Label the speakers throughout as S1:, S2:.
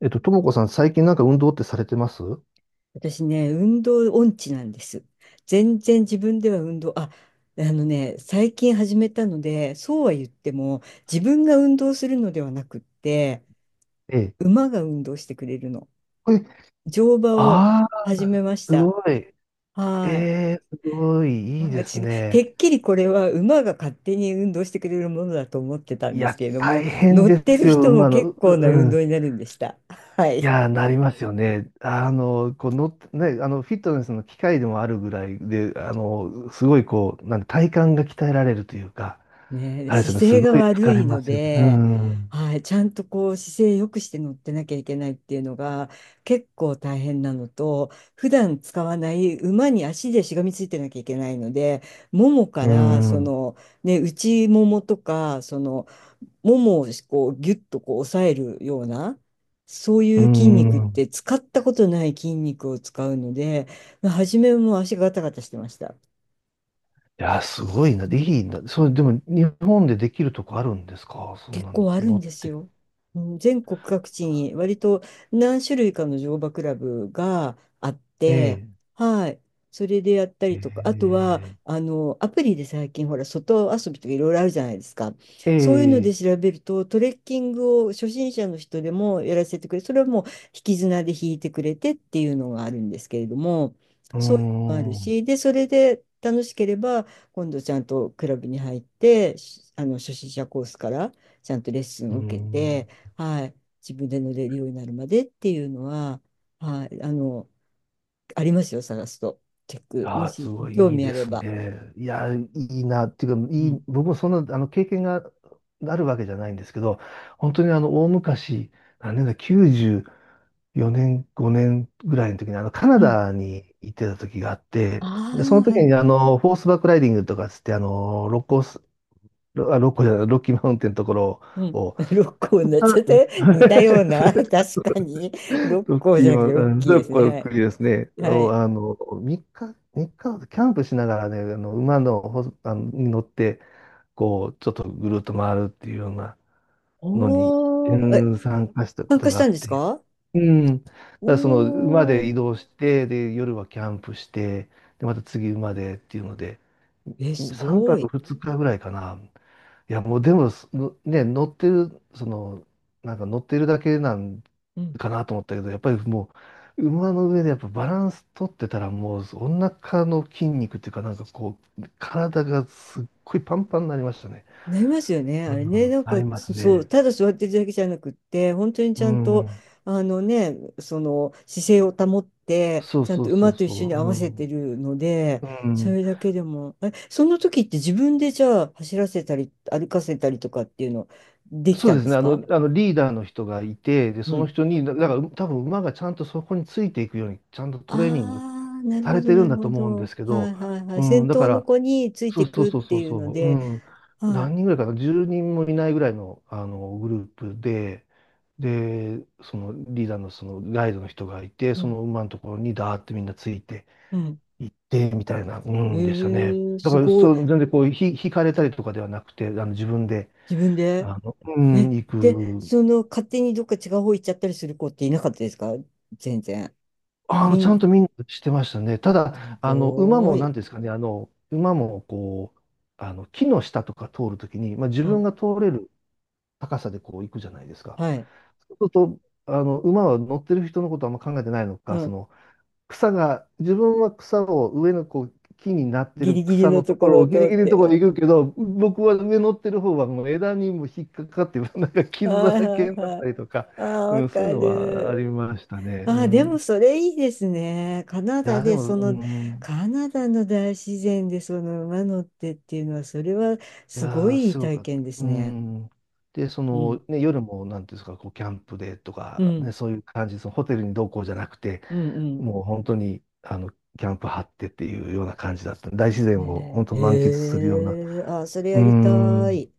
S1: ともこさん、最近運動ってされてます？
S2: 私ね、運動音痴なんです。全然自分では運動、あ、最近始めたので、そうは言っても、自分が運動するのではなくって、
S1: ええ。
S2: 馬が運動してくれるの。
S1: え、
S2: 乗馬を
S1: ああ、
S2: 始めまし
S1: す
S2: た。
S1: ごい。え
S2: はい。
S1: え、すごい、いいです
S2: 私、て
S1: ね。
S2: っきりこれは馬が勝手に運動してくれるものだと思ってたん
S1: い
S2: です
S1: や、
S2: けれども、
S1: 大変
S2: 乗っ
S1: で
S2: て
S1: す
S2: る
S1: よ、
S2: 人も
S1: 馬の。
S2: 結
S1: う
S2: 構な
S1: う
S2: 運動
S1: ん。
S2: になるんでした。は
S1: い
S2: い。
S1: や、なりますよね。あの、この、ね、あの、フィットネスの機械でもあるぐらいで、すごいこう、体幹が鍛えられるというか、
S2: ねえ、
S1: あれですよ
S2: 姿
S1: ね、す
S2: 勢が
S1: ごい
S2: 悪
S1: 疲れ
S2: い
S1: ま
S2: の
S1: すよね。う
S2: で、
S1: ん。
S2: はい、ちゃんとこう姿勢良くして乗ってなきゃいけないっていうのが結構大変なのと、普段使わない馬に足でしがみついてなきゃいけないので、ももか
S1: う
S2: ら
S1: ん。
S2: ね、内ももとか、ももをこうギュッとこう押さえるような、そう
S1: う
S2: いう筋肉っ
S1: ん。
S2: て使ったことない筋肉を使うので、初めも足がガタガタしてました。
S1: いや、すごいな。でいいんだ。それ、でも、日本でできるとこあるんですか、そん
S2: 結
S1: な
S2: 構ある
S1: の
S2: ん
S1: っ
S2: です
S1: て？
S2: よ。うん、全国各地に割と何種類かの乗馬クラブがあっ
S1: え
S2: て、
S1: え、
S2: はい。それでやった
S1: え
S2: りとか、あとは、
S1: え、
S2: アプリで最近、ほら、外遊びとかいろいろあるじゃないですか。
S1: え
S2: そういうので
S1: え、
S2: 調べると、トレッキングを初心者の人でもやらせてくれ、それはもう引き綱で引いてくれてっていうのがあるんですけれども、
S1: うー
S2: そういうのもある
S1: ん、う
S2: し、で、それで楽しければ、今度ちゃんとクラブに入って、しあの、初心者コースから、ちゃんとレッスン
S1: ー
S2: を受け
S1: ん。
S2: て、はい、自分で乗れるようになるまでっていうのは、はい、ありますよ、探すと。チェック。も
S1: ああ、す
S2: し、
S1: ご
S2: 興
S1: いいい
S2: 味
S1: で
S2: あれ
S1: す
S2: ば。
S1: ね。いや、いいな。っていうか、
S2: う
S1: い
S2: ん。
S1: い、僕もそんな、経験があるわけじゃないんですけど、本当に大昔、何年だ、94年、5年ぐらいの時に、カナ
S2: うん。
S1: ダに行ってた時があって、
S2: あ
S1: で、その
S2: あ、は
S1: 時
S2: い。
S1: にフォースバックライディングとかつって、あの、六甲ロ、あ、ロッコじゃない、ロッキーマウンテンのところ
S2: うん。
S1: を、
S2: 六甲になっ
S1: あ
S2: ちゃっ て、似たような、確かに。六
S1: ロッ
S2: 甲
S1: キ
S2: じゃ
S1: ー
S2: なく
S1: マウ
S2: て
S1: ンテ
S2: ロッ
S1: ン、
S2: キー
S1: ロ
S2: で
S1: ッ
S2: す
S1: コの
S2: ね。
S1: 国ですね、
S2: はい。は
S1: を、
S2: い。
S1: 3日、三日、キャンプしながらね、あの、馬の、ほ、あの、に乗って、こう、ちょっとぐるっと回るっていうようなのに、う
S2: おー。え、
S1: ん、参加したこ
S2: 参
S1: と
S2: 加し
S1: があ
S2: た
S1: っ
S2: んです
S1: て、
S2: か？
S1: うん。だからその馬
S2: お
S1: で
S2: ー。
S1: 移動して、で、夜はキャンプして、で、また次馬でっていうので、
S2: え、す
S1: 3
S2: ご
S1: 泊
S2: い。
S1: 2日ぐらいかな。いや、もうでも、すのね、乗ってる、その、乗ってるだけなん
S2: うん、
S1: かなと思ったけど、やっぱりもう、馬の上でやっぱバランス取ってたら、もう、お腹の筋肉っていうか、なんかこう、体がすっごいパンパンになりましたね。
S2: なりますよね。あ
S1: う
S2: れね、
S1: ん、
S2: なん
S1: あり
S2: か
S1: ます
S2: そう、
S1: ね。
S2: ただ座ってるだけじゃなくって、本当にち
S1: う
S2: ゃんと、
S1: ん。
S2: その姿勢を保って、
S1: そう
S2: ちゃん
S1: そ
S2: と
S1: うそ
S2: 馬
S1: う
S2: と一
S1: そ
S2: 緒に合わせてるので、
S1: う。うん。う
S2: そ
S1: ん。
S2: れだけでも、え、その時って自分でじゃあ走らせたり、歩かせたりとかっていうのでき
S1: そ
S2: た
S1: う
S2: ん
S1: で
S2: で
S1: すね。
S2: す
S1: あの、
S2: か？
S1: あのリーダーの人がいて、で、
S2: う
S1: その
S2: ん。
S1: 人に、だから多分馬がちゃんとそこについていくように、ちゃんとトレーニング
S2: ああ、なる
S1: さ
S2: ほ
S1: れ
S2: ど、
S1: てる
S2: な
S1: ん
S2: る
S1: だと
S2: ほ
S1: 思うんで
S2: ど。
S1: すけ
S2: は
S1: ど、
S2: いはいはい。
S1: うん、
S2: 先
S1: だか
S2: 頭の
S1: ら、
S2: 子につい
S1: そ
S2: て
S1: う
S2: い
S1: そう
S2: くっ
S1: そうそ
S2: て
S1: う
S2: いう
S1: そ
S2: の
S1: う、う
S2: で、
S1: ん、
S2: は
S1: 何人
S2: い。
S1: ぐらいかな、10人もいないぐらいのあのグループで、で、そのリーダーのそのガイドの人がいて、
S2: う
S1: そ
S2: ん、
S1: の馬のところにダーってみんなついて
S2: うん。
S1: いって、みたいな、うんでしたね。
S2: ええ、
S1: だ
S2: す
S1: から、
S2: ごい。
S1: そう、全然こう、引かれたりとかではなくて、あの自分で、
S2: 自分で。
S1: うん、
S2: え、
S1: 行
S2: で、
S1: く。
S2: 勝手にどっか違う方行っちゃったりする子っていなかったですか？全然。み
S1: ちゃ
S2: ん、
S1: んと見にしてましたね。ただ、
S2: すごー
S1: な
S2: い。
S1: んていうんですかね、馬も、こう、木の下とか通るときに、まあ、自
S2: う
S1: 分
S2: ん。
S1: が通れる高さでこう行くじゃないですか。
S2: はい。
S1: そうすると、馬は乗ってる人のことはあんま考えてないの
S2: う
S1: か、そ
S2: ん。
S1: の、草が、自分は草を上のこう木になって
S2: ギ
S1: る
S2: リギリ
S1: 草
S2: の
S1: の
S2: と
S1: と
S2: こ
S1: ころ
S2: ろを
S1: をギリ
S2: 通っ
S1: ギリのところ
S2: て。
S1: に行くけど、僕は上乗ってる方はもう枝にも引っかかって、なんか傷だ
S2: はい
S1: らけ
S2: はい
S1: になっ
S2: は
S1: た
S2: い。
S1: りとか、
S2: ああ、
S1: う
S2: わ
S1: ん、そうい
S2: か
S1: うのはあり
S2: る。
S1: ましたね。
S2: あ
S1: う
S2: あ、でも
S1: ん、
S2: それいいですね。カナ
S1: い
S2: ダ
S1: や、で
S2: で、
S1: も、うん。
S2: カナダの大自然でその馬乗ってっていうのは、それは
S1: い
S2: すご
S1: やー、
S2: いいい
S1: すご
S2: 体
S1: く、
S2: 験で
S1: う
S2: すね。
S1: ん。で、そ
S2: う
S1: の、
S2: ん。
S1: ね、夜も、なんていうんですか、こう、キャンプでと
S2: う
S1: か、
S2: ん。
S1: ね、そういう感じ、そのホテルに同行じゃなくて、
S2: うん、うん。
S1: もう本当に、キャンプ張ってっていうような感じだった。大自然を本
S2: ね
S1: 当
S2: え、
S1: 満喫するような。
S2: へえ、あ、それ
S1: うー
S2: やりた
S1: ん。
S2: い。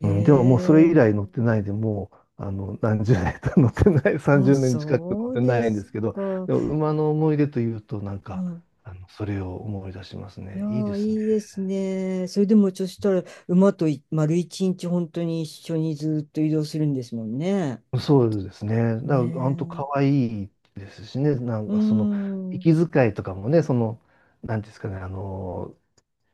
S2: へ
S1: うん、でももうそれ以
S2: え、
S1: 来乗ってないで、もう、何十年と 乗ってない、
S2: あ、
S1: 30年近く乗っ
S2: そう
S1: て
S2: で
S1: ないんで
S2: す
S1: すけど、
S2: か。
S1: でも馬の思い出というと、なん
S2: う
S1: か、
S2: ん。
S1: それを思い出します
S2: いや
S1: ね。いいで
S2: ー、
S1: すね。
S2: いいですね。それでも、そしたら、馬と丸一日、本当に一緒にずっと移動するんですもんね。
S1: そうですね。だから、本当
S2: ね
S1: 可
S2: え。
S1: 愛いですしね。なん
S2: う
S1: か、その、
S2: ん、うん、
S1: 息遣いとかもね、その、なんていうんですかね、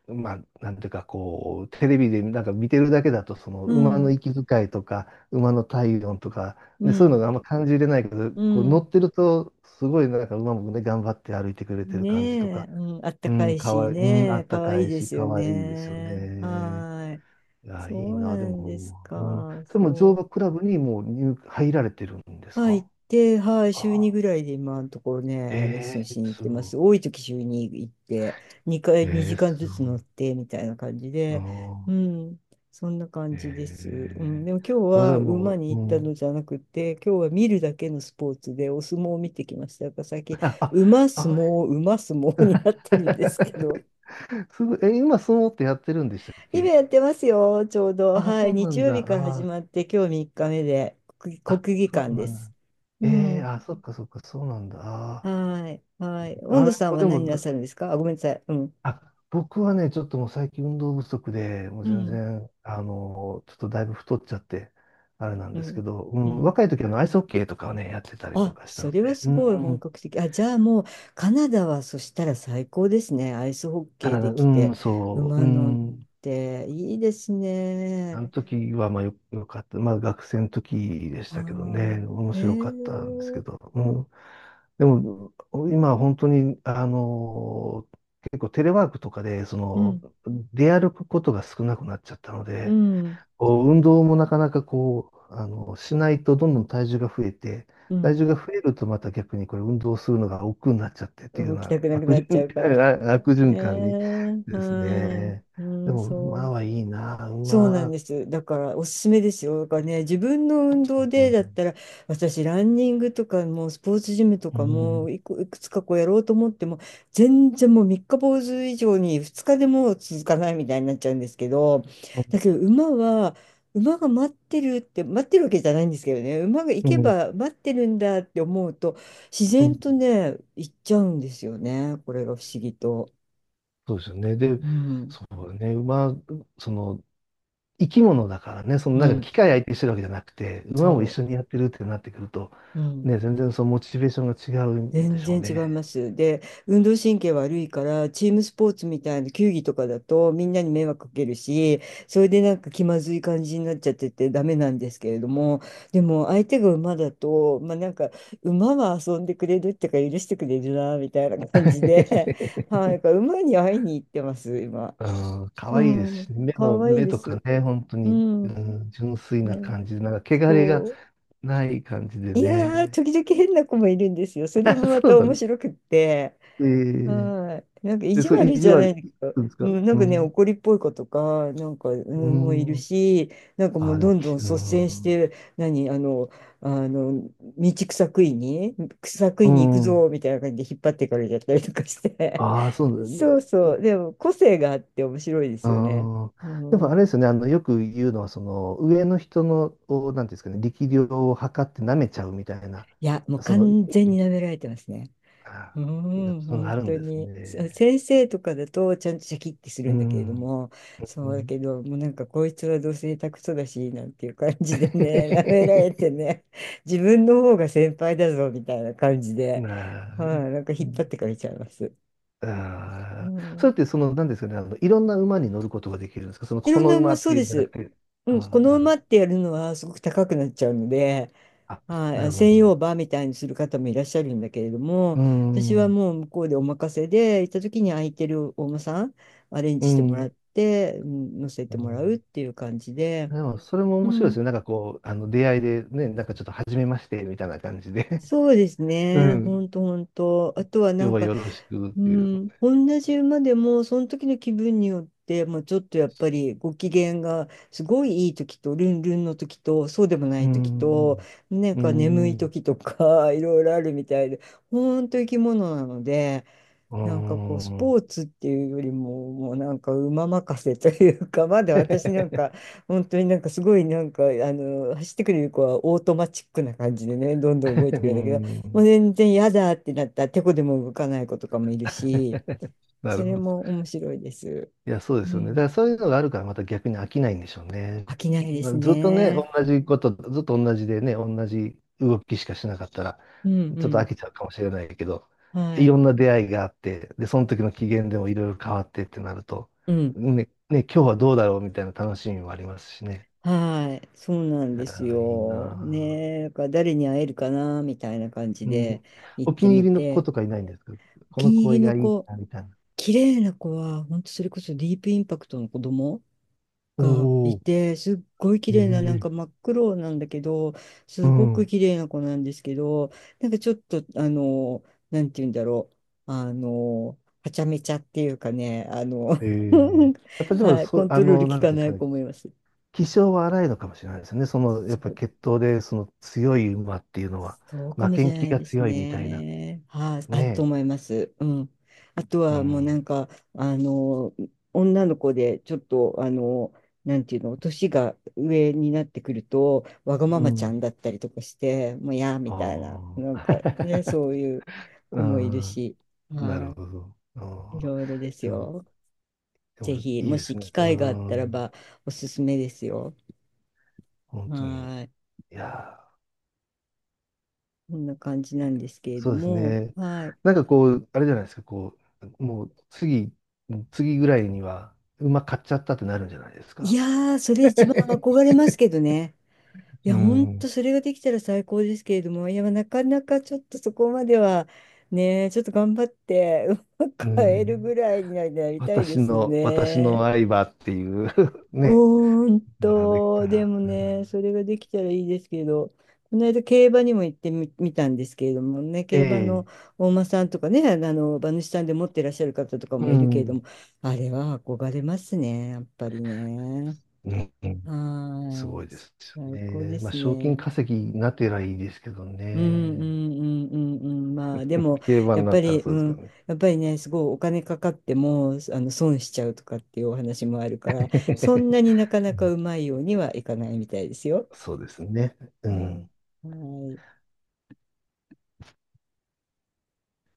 S1: まあ、なんていうか、こう、テレビでなんか見てるだけだと、その、馬の息遣いとか、馬の体温とか、
S2: う
S1: ね、そういう
S2: ん、
S1: のがあんま感じれないけど、
S2: う
S1: こう、乗
S2: ん。
S1: ってると、すごい、なんか、馬もね、頑張って歩いてくれてる
S2: ね
S1: 感じと
S2: え、
S1: か、
S2: うん、あった
S1: う
S2: か
S1: ん、
S2: い
S1: 可
S2: し
S1: 愛いい、うん、あ
S2: ね、
S1: っ
S2: か
S1: た
S2: わ
S1: か
S2: いい
S1: い
S2: で
S1: し、
S2: すよ
S1: 可愛いですよ
S2: ね。
S1: ね。
S2: はーい。
S1: いや、
S2: そ
S1: いい
S2: う
S1: な、で
S2: なんです
S1: も、うん、
S2: か。
S1: それも乗
S2: そ
S1: 馬
S2: う。
S1: クラブにもう入られてるんです
S2: はい、行
S1: か？
S2: って、はい、
S1: あ
S2: 週2
S1: あ、
S2: ぐらいで今のところね、レッスン
S1: え
S2: し
S1: え、
S2: に行っ
S1: す
S2: てます。
S1: ご
S2: 多い時週2行って、2
S1: い。
S2: 回、
S1: え
S2: 2
S1: え、
S2: 時間
S1: す
S2: ずつ乗ってみたいな感じ
S1: ご
S2: で、う
S1: い。ああ、
S2: ん、そんな感じです。うん、
S1: ええ、
S2: でも今日
S1: それ
S2: は
S1: は
S2: 馬
S1: も
S2: に
S1: う、
S2: 行っ
S1: う
S2: たの
S1: ん。
S2: じゃなくて、今日は見るだけのスポーツでお相撲を見てきました。だから最近、
S1: あ、
S2: 馬相
S1: あ、
S2: 撲、馬相撲になってるんですけど、
S1: すごい。え、今、相撲ってやってるんでしたっ
S2: 今
S1: け？
S2: やってますよ、ちょうど。
S1: あ、
S2: は
S1: そ
S2: い、
S1: うな
S2: 日
S1: ん
S2: 曜日
S1: だ。
S2: から始
S1: あ
S2: まって、今日3日目で、国
S1: あ、あ、
S2: 国技
S1: そ
S2: 館
S1: うな
S2: で
S1: ん
S2: す。
S1: だ。
S2: う
S1: ええ、
S2: ん、
S1: あ、そっかそっか、そうなんだ。あ
S2: はい。はい。
S1: あ、
S2: 温
S1: あ
S2: 度
S1: れ
S2: さん
S1: も
S2: は
S1: で
S2: 何な
S1: も、
S2: さるんですか？あ、ごめんなさい。うん。
S1: あ、僕はね、ちょっともう最近運動不足で、もう
S2: う
S1: 全
S2: ん。
S1: 然、ちょっとだいぶ太っちゃって、あれなん
S2: う
S1: ですけ
S2: ん。
S1: ど、う
S2: う
S1: ん、
S2: ん。
S1: 若い時はあのアイスホッケーとかをね、やってたりと
S2: あ、
S1: かした
S2: そ
S1: の
S2: れは
S1: で、
S2: す
S1: う
S2: ごい本
S1: ん、
S2: 格的。あ、じゃあもう、カナダはそしたら最高ですね。アイスホッケーで
S1: 体、う
S2: きて、
S1: ん、そう、う
S2: 馬乗っ
S1: ん、
S2: て、いいです
S1: あ
S2: ね。
S1: の時はまあよ、よかった。まあ学生の時でし
S2: あ
S1: たけど
S2: あ、
S1: ね、面
S2: え
S1: 白かったんですけ
S2: ー、
S1: ど、うん、でも、今は本当に、結構テレワークとかで、そ
S2: う
S1: の、
S2: ん。
S1: 出歩くことが少なくなっちゃったの
S2: う
S1: で、
S2: ん。
S1: こう運動もなかなかこう、しないとどんどん体重が増えて、
S2: う
S1: 体
S2: ん。
S1: 重が増えるとまた逆にこれ運動するのが億劫になっちゃってっていうよ
S2: 動
S1: う
S2: き
S1: な
S2: たくなく
S1: 悪
S2: なっちゃ
S1: 循
S2: うから。
S1: 環、悪
S2: ね
S1: 循環に
S2: え、
S1: です
S2: は
S1: ね。
S2: い。う
S1: で
S2: ん、
S1: も
S2: そ
S1: 馬
S2: う。
S1: はいいな、
S2: そうなん
S1: 馬。
S2: です。だからおすすめですよ。だからね、自分の運動
S1: う
S2: で
S1: ん
S2: だったら、私、ランニングとかも、スポーツジムと
S1: う
S2: か
S1: ん
S2: も、いく、いくつかこうやろうと思っても、全然もう三日坊主以上に二日でも続かないみたいになっちゃうんですけど、だけど馬は、馬が待ってるって、待ってるわけじゃないんですけどね、馬が行
S1: う
S2: け
S1: ん
S2: ば待ってるんだって思うと、自
S1: う
S2: 然
S1: ん、
S2: とね、行っちゃうんですよね。これが不思議と。
S1: そうですよね。で、
S2: うん、
S1: そうね、馬、その、生き物だからね、その
S2: う
S1: なんか
S2: ん、
S1: 機械相手にしてるわけじゃなくて、馬も一
S2: そ
S1: 緒にやってるってなってくると、
S2: う。うん、
S1: ね、全然そのモチベーションが違うんで
S2: 全
S1: しょう
S2: 然違い
S1: ね。
S2: ます。で、運動神経悪いから、チームスポーツみたいな球技とかだと、みんなに迷惑かけるし、それでなんか気まずい感じになっちゃっててダメなんですけれども、でも相手が馬だと、まあなんか、馬は遊んでくれるってか許してくれるな、みたいな感じで、はい、だから馬に会いに行ってます、今。
S1: うん、可
S2: う
S1: 愛いです
S2: ん、
S1: しね、目
S2: か
S1: も、
S2: わいい
S1: 目
S2: で
S1: とか
S2: す。
S1: ね、本当
S2: う
S1: に、う
S2: ん、
S1: ん、純粋な
S2: ね、
S1: 感じで、なんか、汚れが
S2: そう。
S1: ない感じで
S2: いやー、
S1: ね。
S2: 時々変な子もいるんですよ。それ もま
S1: そう
S2: た
S1: な
S2: 面
S1: んです。
S2: 白くって。
S1: ええ、
S2: はい。なんか意
S1: で、
S2: 地
S1: そう、意
S2: 悪じ
S1: 地
S2: ゃないん
S1: 悪
S2: だけ
S1: い
S2: ど、
S1: くんですか？
S2: うん、なん
S1: う
S2: かね、
S1: ん。
S2: 怒りっぽい子とか、なんか、う
S1: う
S2: ん、もういる
S1: ん。
S2: し、なんか
S1: あ
S2: も
S1: あ、
S2: う
S1: でも、
S2: どんど
S1: き
S2: ん
S1: う
S2: 率先し
S1: ん。
S2: て、何、あの、あの、道草食いに、草食
S1: う
S2: いに行く
S1: ん。
S2: ぞ、みたいな感じで引っ張ってかれちゃったりとかして。
S1: ああ、そうな んだ
S2: そう
S1: ね。
S2: そう。でも、個性があって面白いですよね。
S1: あ
S2: う
S1: あ。でも、あれ
S2: ん。
S1: ですよね、よく言うのは、その、上の人の、を、なんていうんですかね、力量を測って舐めちゃうみたいな、
S2: いや、もう
S1: その、
S2: 完全に舐められてますね。う
S1: ああ、
S2: ん、
S1: その
S2: 本
S1: ある
S2: 当
S1: んです
S2: に。せ
S1: ね。
S2: 先生とかだとちゃんとシャキッてする
S1: う
S2: んだけれど
S1: ん。
S2: も、
S1: う
S2: そうだ
S1: ん。
S2: けど、もうなんかこいつはどうせ下手くそだし、なんていう感じでね、舐められて ね、自分の方が先輩だぞみたいな感じで、
S1: なあ、
S2: はい、なんか引っ張ってかれちゃいます。う
S1: ああ、それ
S2: ん、
S1: ってその、なんですかね、いろんな馬に乗ることができるんですか？その、
S2: い
S1: こ
S2: ろん
S1: の
S2: な
S1: 馬
S2: 馬、
S1: っ
S2: そう
S1: ていう
S2: で
S1: んじゃなく
S2: す。
S1: て、
S2: う
S1: あ
S2: ん、こ
S1: あ、
S2: の
S1: な
S2: 馬
S1: る、
S2: ってやるのはすごく高くなっちゃうので、
S1: あ、
S2: は
S1: な
S2: い、
S1: るほど。
S2: 専用バーみたいにする方もいらっしゃるんだけれども、
S1: う
S2: 私
S1: ん、
S2: は
S1: うん、
S2: もう向こうでお任せで、行った時に空いてるお馬さん、アレンジしてもらっ
S1: う
S2: て、うん、乗せても
S1: ん。
S2: らうっていう感じで、
S1: でも、それも
S2: う
S1: 面白いで
S2: ん、
S1: すよ。なんかこう、出会いでね、なんかちょっと初めまして、みたいな感じで
S2: そうです
S1: う
S2: ね、ほ
S1: ん。
S2: ん とほんと。あとはな
S1: 今日
S2: ん
S1: は
S2: か、
S1: よろしくっ
S2: う
S1: ていう。
S2: ん、同じ馬でもその時の気分によって、もうちょっとやっぱりご機嫌がすごいいい時とルンルンの時とそうでもな
S1: う
S2: い時と
S1: ん、
S2: なん
S1: うん、う
S2: か眠い
S1: ん、う
S2: 時とか いろいろあるみたいで、本当生き物なので、
S1: ん、
S2: なんかこう、スポーツっていうよりも、もうなんか馬任せというか、まだ私なんか、本当になんかすごいなんか、走ってくれる子はオートマチックな感じでね、どんどん動いて く
S1: う
S2: れるんだけど、もう
S1: ん、
S2: 全然嫌だってなったら、てこでも動かない子とかもいるし、
S1: な
S2: そ
S1: るほ
S2: れ
S1: ど。
S2: も面白いです。
S1: いや、そうで
S2: う
S1: すよね。だか
S2: ん。
S1: らそういうのがあるからまた逆に飽きないんでしょうね。
S2: 飽きないで
S1: ま
S2: す
S1: あずっとね、同
S2: ね。
S1: じこと、ずっと同じでね、同じ動きしかしなかったら、
S2: う
S1: ちょっと飽
S2: ん、
S1: きちゃうかもしれないけど、
S2: うん。は
S1: いろ
S2: い。
S1: んな出会いがあって、で、その時の機嫌でもいろいろ変わってってなると、
S2: うん。
S1: ね、ね、今日はどうだろうみたいな楽しみもありますしね。
S2: はい。そうなんです
S1: あーいいな
S2: よ。
S1: あ、
S2: ねえ、だから誰に会えるかな、みたいな感じ
S1: う
S2: で
S1: ん。
S2: 行っ
S1: お気
S2: て
S1: に入
S2: み
S1: りの子
S2: て。
S1: とかいないんですか？
S2: お
S1: こ
S2: 気
S1: の
S2: に入
S1: 行
S2: り
S1: 為
S2: の
S1: がいい
S2: 子、
S1: な、みたいな。
S2: 綺麗な子は、本当それこそディープインパクトの子供
S1: お
S2: がい
S1: お、
S2: て、すっごい綺麗な、なん
S1: え
S2: か
S1: え、
S2: 真っ黒なんだけど、
S1: う
S2: すごく
S1: ん。
S2: 綺麗な子なんですけど、なんかちょっと、なんて言うんだろう、はちゃめちゃっていうかね、
S1: え え、やっぱでも、
S2: はい、
S1: そ
S2: コ
S1: う、
S2: ントロール効
S1: なん
S2: か
S1: ていうんです
S2: な
S1: か
S2: い
S1: ね。
S2: 子もいます。
S1: 気性は荒いのかもしれないですね。その、やっ
S2: そ
S1: ぱ
S2: う
S1: 血統で、その強い馬っていうのは、
S2: そうか
S1: 負
S2: も
S1: け
S2: し
S1: ん
S2: れな
S1: 気
S2: い
S1: が
S2: です
S1: 強いみたいな。
S2: ね。はい、あると
S1: ね
S2: 思います。うん。あと
S1: え。う
S2: はもうな
S1: ん。
S2: んか、女の子でちょっと、なんていうの、年が上になってくると、わが
S1: う
S2: ままちゃん
S1: ん。
S2: だったりとかして、もうやーみたいな、
S1: あ
S2: な
S1: あ。
S2: んかね、そう いう
S1: う
S2: 子もいる
S1: ん。
S2: し、
S1: なる
S2: は
S1: ほど。
S2: い、い
S1: ああ。
S2: ろいろです
S1: でも、
S2: よ。
S1: でも、
S2: ぜひ、
S1: いい
S2: も
S1: で
S2: し
S1: すね。
S2: 機
S1: う
S2: 会があったら
S1: ん。
S2: ば、おすすめですよ。
S1: 本当に。
S2: はい、
S1: いや
S2: こんな感じなんですけ
S1: ー、
S2: れど
S1: そうです
S2: も、
S1: ね。
S2: はい。
S1: なんかこう、あれじゃないですか、こう、もう次、次ぐらいには、馬買っちゃったってなるんじゃないです
S2: い
S1: か。
S2: やー、それ一番 憧れますけどね。い
S1: う
S2: や、ほん
S1: ん。
S2: とそれができたら最高ですけれども、いや、なかなかちょっとそこまでは、ね、ちょっと頑張って、うま
S1: う
S2: く会えるぐ
S1: ん。
S2: らいになりたいで
S1: 私
S2: す
S1: の、私の
S2: ね。
S1: 相場っていう ね、
S2: ほん
S1: ができた
S2: と、で
S1: ら、
S2: も
S1: うん、
S2: ね、それができたらいいですけど、この間競馬にも行ってみ、見たんですけれどもね、
S1: え
S2: 競馬の
S1: え、
S2: 大間さんとかね、馬主さんで持ってらっしゃる方とか
S1: う
S2: もいるけれども、
S1: ん、
S2: あれは憧れますね、やっぱりね。
S1: うんうん、
S2: は
S1: す
S2: ー
S1: ご
S2: い。
S1: いですよ
S2: 最高で
S1: ね。まあ、
S2: す
S1: 賞金
S2: ね。
S1: 稼ぎになってりいいですけど
S2: うん、う
S1: ね。
S2: ん、うん、うん、うん。まあでも、
S1: 競馬
S2: や
S1: に
S2: っ
S1: な
S2: ぱ
S1: ったら
S2: り、
S1: そ
S2: う
S1: うですけど
S2: ん、
S1: ね。
S2: やっぱりね、すごいお金かかっても、損しちゃうとかっていうお話もあるから、そんなになか な
S1: う
S2: か
S1: ん、
S2: うまいようにはいかないみたいですよ。
S1: そうですね。う
S2: うん、
S1: ん
S2: はい。